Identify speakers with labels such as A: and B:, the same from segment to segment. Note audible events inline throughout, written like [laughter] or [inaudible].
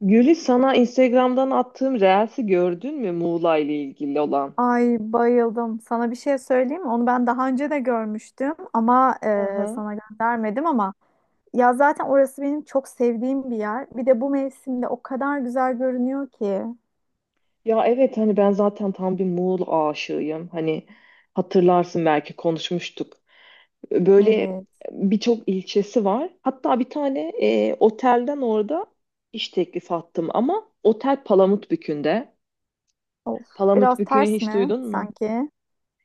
A: Gülis sana Instagram'dan attığım Reels'i gördün mü Muğla ile ilgili olan?
B: Ay bayıldım. Sana bir şey söyleyeyim mi? Onu ben daha önce de görmüştüm ama
A: Aha.
B: sana göndermedim ama ya zaten orası benim çok sevdiğim bir yer. Bir de bu mevsimde o kadar güzel görünüyor ki.
A: Ya evet hani ben zaten tam bir Muğla aşığıyım. Hani hatırlarsın belki konuşmuştuk. Böyle
B: Evet.
A: birçok ilçesi var. Hatta bir tane otelden orada iş teklifi attım ama otel Palamutbükü'nde.
B: Of, biraz
A: Palamutbükü'nü
B: ters
A: hiç
B: mi
A: duydun mu?
B: sanki?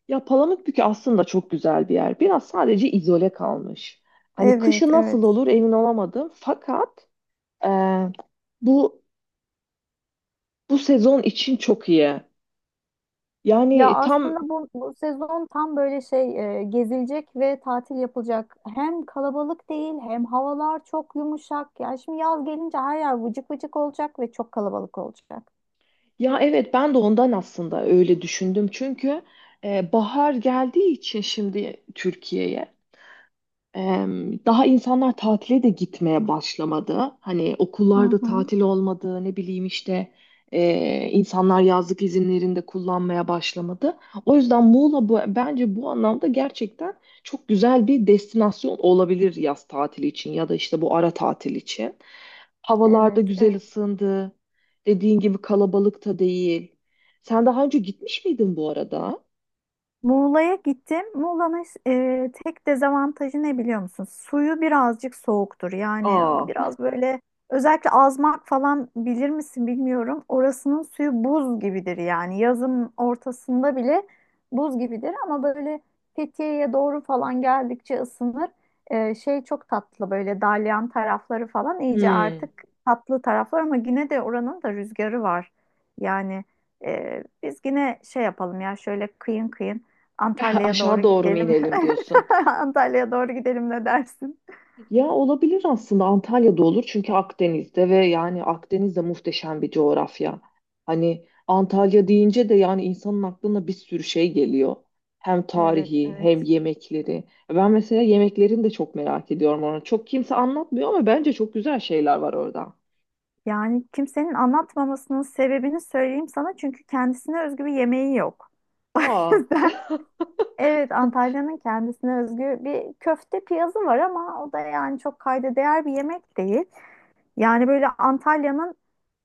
A: Ya Palamutbükü aslında çok güzel bir yer. Biraz sadece izole kalmış. Hani
B: Evet,
A: kışı nasıl
B: evet.
A: olur emin olamadım. Fakat Ee, bu bu sezon için çok iyi.
B: Ya
A: Yani tam
B: aslında bu sezon tam böyle şey gezilecek ve tatil yapılacak. Hem kalabalık değil hem havalar çok yumuşak. Ya şimdi yaz gelince her yer vıcık vıcık olacak ve çok kalabalık olacak.
A: ya evet ben de ondan aslında öyle düşündüm. Çünkü bahar geldiği için şimdi Türkiye'ye daha insanlar tatile de gitmeye başlamadı. Hani
B: Hı
A: okullarda
B: hı.
A: tatil olmadı, ne bileyim işte insanlar yazlık izinlerinde kullanmaya başlamadı. O yüzden Muğla bence bu anlamda gerçekten çok güzel bir destinasyon olabilir yaz tatili için ya da işte bu ara tatil için. Havalarda
B: Evet,
A: güzel
B: evet.
A: ısındı. Dediğin gibi kalabalık da değil. Sen daha önce gitmiş miydin bu arada?
B: Muğla'ya gittim. Muğla'nın tek dezavantajı ne biliyor musun? Suyu birazcık soğuktur. Yani
A: Aa.
B: biraz böyle özellikle Azmak falan bilir misin bilmiyorum. Orasının suyu buz gibidir yani. Yazın ortasında bile buz gibidir ama böyle Fethiye'ye doğru falan geldikçe ısınır. Şey çok tatlı böyle dalyan tarafları falan iyice
A: Hmm.
B: artık tatlı taraflar ama yine de oranın da rüzgarı var. Yani biz yine şey yapalım ya şöyle kıyın kıyın.
A: [laughs]
B: Antalya'ya doğru
A: Aşağı doğru mu
B: gidelim.
A: inelim diyorsun?
B: [laughs] Antalya'ya doğru gidelim ne dersin?
A: Ya olabilir aslında Antalya'da olur çünkü Akdeniz'de ve yani Akdeniz de muhteşem bir coğrafya. Hani Antalya deyince de yani insanın aklına bir sürü şey geliyor. Hem
B: Evet,
A: tarihi
B: evet.
A: hem yemekleri. Ben mesela yemeklerini de çok merak ediyorum onu. Çok kimse anlatmıyor ama bence çok güzel şeyler var orada.
B: Yani kimsenin anlatmamasının sebebini söyleyeyim sana çünkü kendisine özgü bir yemeği yok. [laughs] O
A: Aa,
B: yüzden evet Antalya'nın kendisine özgü bir köfte piyazı var ama o da yani çok kayda değer bir yemek değil. Yani böyle Antalya'nın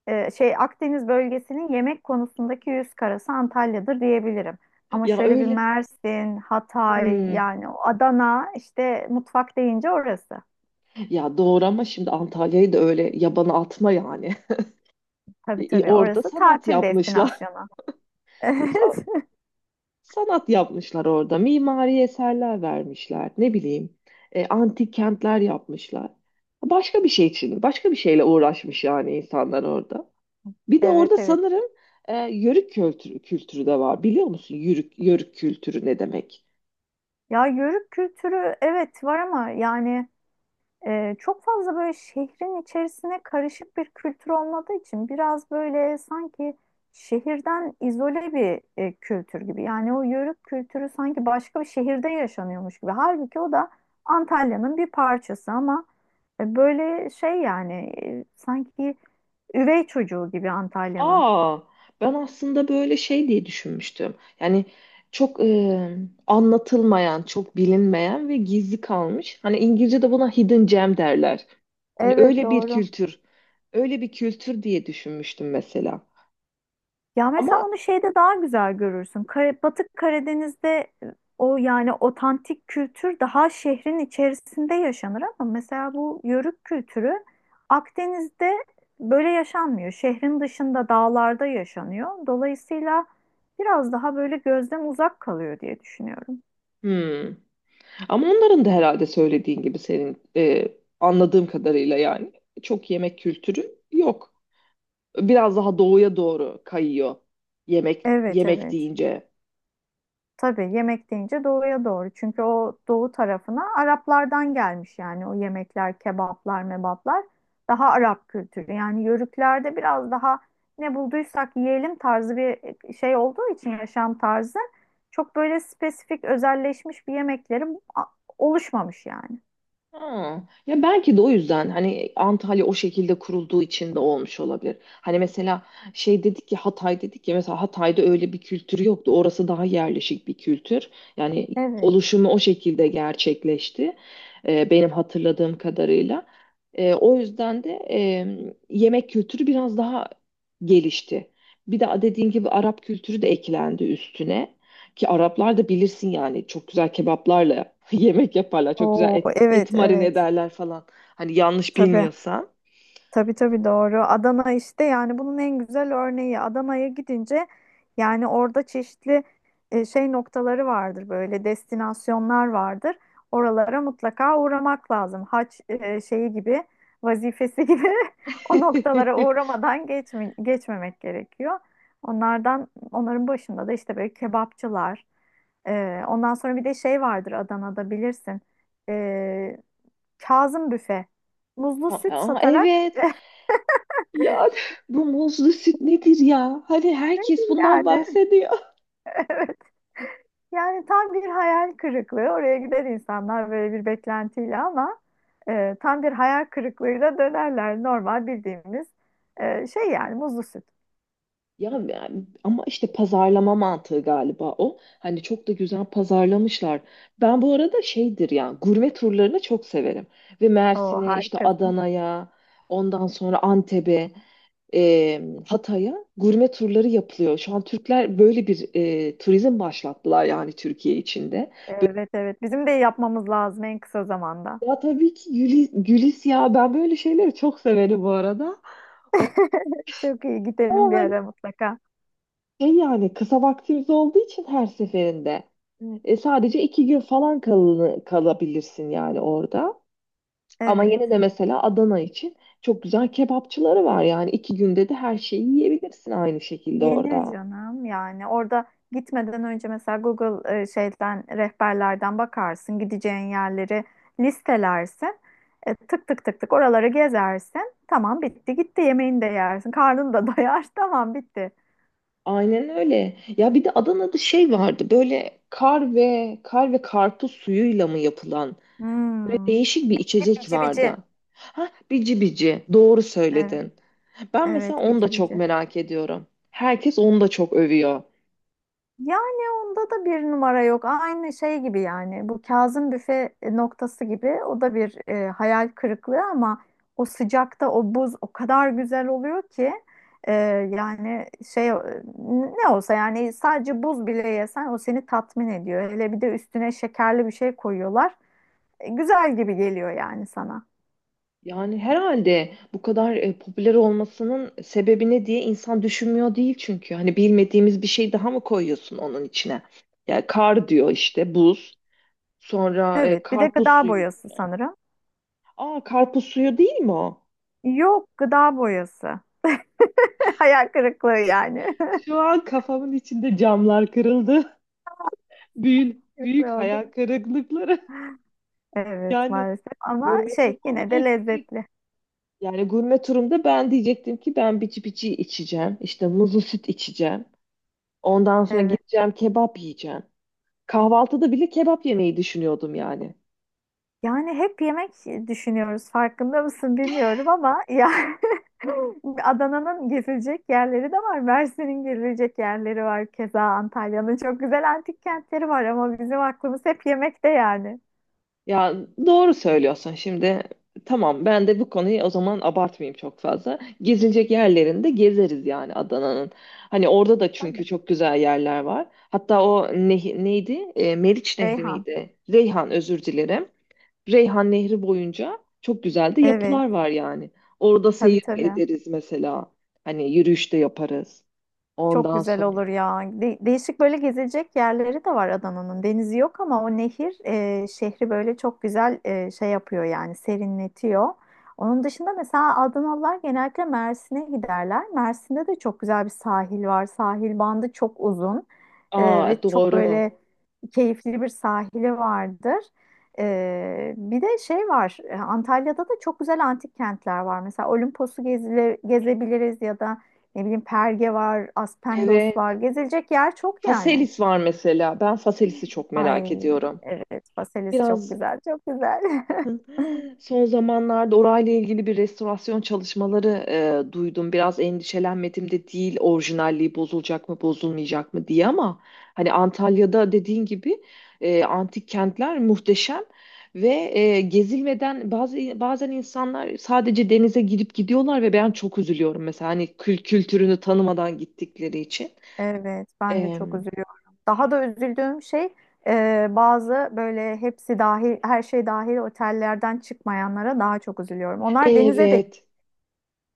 B: şey Akdeniz bölgesinin yemek konusundaki yüz karası Antalya'dır diyebilirim. Ama
A: ya
B: şöyle bir
A: öyle.
B: Mersin, Hatay
A: Hmm.
B: yani o Adana işte mutfak deyince orası.
A: Ya doğru ama şimdi Antalya'yı da öyle yabana atma yani.
B: Tabii
A: [laughs]
B: tabii
A: Orada
B: orası
A: sanat
B: tatil
A: yapmışlar.
B: destinasyonu. [laughs] Evet
A: [laughs] Sanat yapmışlar orada, mimari eserler vermişler, ne bileyim, antik kentler yapmışlar. Başka bir şey için, başka bir şeyle uğraşmış yani insanlar orada. Bir de
B: evet.
A: orada
B: Evet.
A: sanırım kültürü de var. Biliyor musun yörük kültürü ne demek?
B: Ya yörük kültürü evet var ama yani çok fazla böyle şehrin içerisine karışık bir kültür olmadığı için biraz böyle sanki şehirden izole bir kültür gibi. Yani o yörük kültürü sanki başka bir şehirde yaşanıyormuş gibi. Halbuki o da Antalya'nın bir parçası ama böyle şey yani sanki üvey çocuğu gibi Antalya'nın.
A: Aa, ben aslında böyle şey diye düşünmüştüm. Yani çok anlatılmayan, çok bilinmeyen ve gizli kalmış. Hani İngilizce'de buna hidden gem derler. Hani
B: Evet
A: öyle
B: doğru.
A: öyle bir kültür diye düşünmüştüm mesela.
B: Ya mesela
A: Ama
B: onu şeyde daha güzel görürsün. Batı Karadeniz'de o yani otantik kültür daha şehrin içerisinde yaşanır ama mesela bu yörük kültürü Akdeniz'de böyle yaşanmıyor. Şehrin dışında dağlarda yaşanıyor. Dolayısıyla biraz daha böyle gözden uzak kalıyor diye düşünüyorum.
A: hmm. Ama onların da herhalde söylediğin gibi senin anladığım kadarıyla yani çok yemek kültürü yok. Biraz daha doğuya doğru kayıyor
B: Evet
A: yemek
B: evet.
A: deyince.
B: Tabii yemek deyince doğuya doğru. Çünkü o doğu tarafına Araplardan gelmiş yani o yemekler, kebaplar, mebaplar daha Arap kültürü. Yani yörüklerde biraz daha ne bulduysak yiyelim tarzı bir şey olduğu için yaşam tarzı çok böyle spesifik özelleşmiş bir yemekleri oluşmamış yani.
A: Ha. Ya belki de o yüzden hani Antalya o şekilde kurulduğu için de olmuş olabilir. Hani mesela şey dedik ya Hatay dedik ya mesela Hatay'da öyle bir kültür yoktu. Orası daha yerleşik bir kültür. Yani
B: Evet.
A: oluşumu o şekilde gerçekleşti. Benim hatırladığım kadarıyla. O yüzden de yemek kültürü biraz daha gelişti. Bir de dediğin gibi Arap kültürü de eklendi üstüne. Ki Araplar da bilirsin yani çok güzel kebaplarla [laughs] yemek yaparlar. Çok güzel
B: Oo,
A: et
B: evet
A: marine
B: evet.
A: ederler falan. Hani yanlış
B: Tabii.
A: bilmiyorsam.
B: Tabii tabii doğru. Adana işte yani bunun en güzel örneği. Adana'ya gidince yani orada çeşitli şey noktaları vardır böyle destinasyonlar vardır. Oralara mutlaka uğramak lazım. Haç şeyi gibi vazifesi gibi [laughs] o noktalara
A: [laughs]
B: uğramadan geçmemek gerekiyor. Onlardan onların başında da işte böyle kebapçılar. Ondan sonra bir de şey vardır Adana'da bilirsin. E, Kazım Büfe. Muzlu süt
A: Aa,
B: satarak.
A: evet. Ya bu muzlu süt nedir ya? Hani herkes bundan
B: Yani [laughs]
A: bahsediyor. [laughs]
B: yani tam bir hayal kırıklığı. Oraya gider insanlar böyle bir beklentiyle ama tam bir hayal kırıklığıyla dönerler. Normal bildiğimiz şey yani muzlu süt.
A: Ya yani ama işte pazarlama mantığı galiba o. Hani çok da güzel pazarlamışlar. Ben bu arada şeydir ya gurme turlarını çok severim. Ve
B: Oo
A: Mersin'e işte
B: harikasın.
A: Adana'ya ondan sonra Antep'e e, Hatay'a gurme turları yapılıyor. Şu an Türkler böyle bir turizm başlattılar yani Türkiye içinde.
B: Evet evet. Bizim de yapmamız lazım en kısa zamanda.
A: Ya tabii ki Gülis ya ben böyle şeyleri çok severim bu arada.
B: [laughs] Çok iyi. Gidelim bir
A: O,
B: ara mutlaka.
A: şey yani kısa vaktimiz olduğu için her seferinde evet. Sadece iki gün falan kalabilirsin yani orada. Ama
B: Evet.
A: yine de mesela Adana için çok güzel kebapçıları var yani iki günde de her şeyi yiyebilirsin aynı şekilde
B: Yenir
A: orada.
B: canım yani orada gitmeden önce mesela Google şeyden rehberlerden bakarsın gideceğin yerleri listelersin. Tık tık tık tık oraları gezersin tamam bitti gitti yemeğini de yersin karnını da doyar [laughs] tamam bitti.
A: Aynen öyle. Ya bir de Adana'da şey vardı böyle kar ve karpuz suyuyla mı yapılan
B: Hmm.
A: değişik bir
B: Bir de
A: içecek
B: bici bici
A: vardı. Ha bici bici doğru
B: evet
A: söyledin. Ben mesela
B: evet
A: onu da
B: bici
A: çok
B: bici.
A: merak ediyorum. Herkes onu da çok övüyor.
B: Yani onda da bir numara yok. Aynı şey gibi yani. Bu Kazım Büfe noktası gibi. O da bir hayal kırıklığı ama o sıcakta o buz o kadar güzel oluyor ki e, yani şey ne olsa yani sadece buz bile yesen o seni tatmin ediyor. Hele bir de üstüne şekerli bir şey koyuyorlar güzel gibi geliyor yani sana.
A: Yani herhalde bu kadar popüler olmasının sebebi ne diye insan düşünmüyor değil çünkü. Hani bilmediğimiz bir şey daha mı koyuyorsun onun içine? Yani kar diyor işte buz. Sonra
B: Evet, bir de
A: karpuz
B: gıda
A: suyu
B: boyası
A: diyor.
B: sanırım.
A: Aa karpuz suyu değil mi o?
B: Yok, gıda boyası. [laughs] Hayal kırıklığı yani. [laughs]
A: Şu an kafamın içinde camlar kırıldı. [laughs] Büyük
B: Kırıklığı oldu.
A: hayal kırıklıkları.
B: Evet,
A: Yani
B: maalesef ama
A: gurme
B: şey
A: turma
B: yine
A: bunu
B: de
A: ekleyecek.
B: lezzetli.
A: Yani gurme turumda ben diyecektim ki ben bici bici içeceğim. İşte muzlu süt içeceğim. Ondan sonra
B: Evet.
A: gideceğim kebap yiyeceğim. Kahvaltıda bile kebap yemeyi düşünüyordum yani.
B: Yani hep yemek düşünüyoruz farkında mısın bilmiyorum ama ya [laughs] Adana'nın gezilecek yerleri de var. Mersin'in gezilecek yerleri var. Keza Antalya'nın çok güzel antik kentleri var ama bizim aklımız hep yemekte yani.
A: Ya doğru söylüyorsun şimdi. Tamam ben de bu konuyu o zaman abartmayayım çok fazla. Gezilecek yerlerinde gezeriz yani Adana'nın. Hani orada da çünkü
B: Ben
A: çok güzel yerler var. Hatta o neydi? E, Meriç Nehri
B: Reyhan.
A: miydi? Reyhan özür dilerim. Reyhan Nehri boyunca çok güzel de
B: Evet.
A: yapılar var yani. Orada
B: Tabii
A: seyir de
B: tabii.
A: ederiz mesela. Hani yürüyüş de yaparız.
B: Çok
A: Ondan
B: güzel
A: sonra.
B: olur ya. Değişik böyle gezilecek yerleri de var Adana'nın. Denizi yok ama o nehir şehri böyle çok güzel şey yapıyor yani serinletiyor. Onun dışında mesela Adanalılar genellikle Mersin'e giderler. Mersin'de de çok güzel bir sahil var. Sahil bandı çok uzun ve
A: Aa
B: çok
A: doğru.
B: böyle keyifli bir sahili vardır. Bir de şey var Antalya'da da çok güzel antik kentler var. Mesela gezebiliriz ya da ne bileyim Perge var, Aspendos var.
A: Evet.
B: Gezilecek yer çok yani.
A: Faselis var mesela. Ben Faselis'i çok merak
B: Ay
A: ediyorum.
B: evet Faselis çok
A: Biraz
B: güzel, çok güzel. [laughs]
A: son zamanlarda orayla ilgili bir restorasyon çalışmaları duydum. Biraz endişelenmedim de değil orijinalliği bozulacak mı bozulmayacak mı diye ama hani Antalya'da dediğin gibi antik kentler muhteşem ve gezilmeden bazı bazen insanlar sadece denize girip gidiyorlar ve ben çok üzülüyorum mesela hani kültürünü tanımadan gittikleri için.
B: Evet, ben de çok
A: Em,
B: üzülüyorum. Daha da üzüldüğüm şey bazı böyle her şey dahil otellerden çıkmayanlara daha çok üzülüyorum. Onlar denize de
A: evet.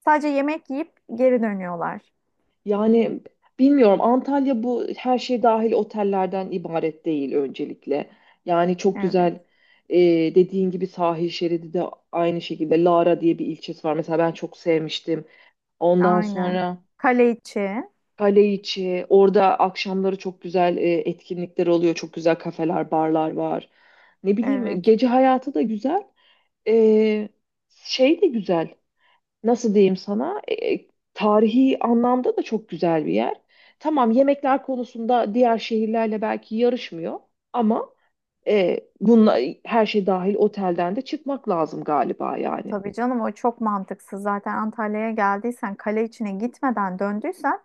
B: sadece yemek yiyip geri dönüyorlar.
A: Yani bilmiyorum Antalya bu her şey dahil otellerden ibaret değil öncelikle. Yani çok
B: Evet,
A: güzel e, dediğin gibi sahil şeridi de aynı şekilde Lara diye bir ilçesi var. Mesela ben çok sevmiştim. Ondan
B: aynen.
A: sonra
B: Kale içi.
A: Kaleiçi orada akşamları çok güzel etkinlikler oluyor. Çok güzel kafeler, barlar var. Ne bileyim
B: Evet.
A: gece hayatı da güzel. E, Şey de güzel nasıl diyeyim sana tarihi anlamda da çok güzel bir yer. Tamam yemekler konusunda diğer şehirlerle belki yarışmıyor ama bununla her şey dahil otelden de çıkmak lazım galiba yani.
B: Tabii canım o çok mantıksız. Zaten Antalya'ya geldiysen kale içine gitmeden döndüysen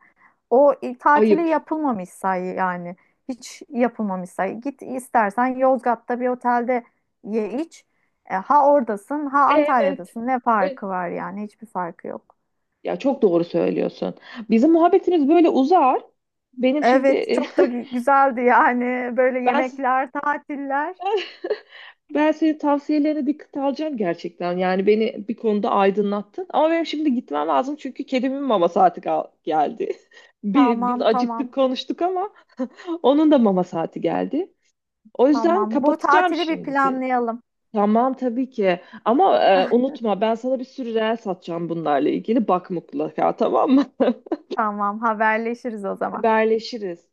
B: tatili
A: Ayıp.
B: yapılmamış say yani. Hiç yapılmamış say. Git istersen Yozgat'ta bir otelde ye iç. Ha oradasın ha
A: Evet.
B: Antalya'dasın. Ne farkı
A: Evet.
B: var yani? Hiçbir farkı yok.
A: Ya çok doğru söylüyorsun. Bizim muhabbetimiz böyle uzar. Benim
B: Evet
A: şimdi
B: çok da güzeldi yani böyle
A: [laughs] ben
B: yemekler, tatiller.
A: ben senin tavsiyelerine dikkat alacağım gerçekten. Yani beni bir konuda aydınlattın. Ama benim şimdi gitmem lazım çünkü kedimin mama saati geldi. [laughs] Biz
B: Tamam
A: acıktık
B: tamam.
A: konuştuk ama onun da mama saati geldi. O yüzden
B: Tamam. Bu
A: kapatacağım
B: tatili bir
A: şimdi seni.
B: planlayalım.
A: Tamam tabii ki. Ama unutma ben sana bir sürü reel satacağım bunlarla ilgili. Bak mutlaka tamam mı?
B: Tamam, haberleşiriz o
A: [laughs]
B: zaman.
A: Haberleşiriz.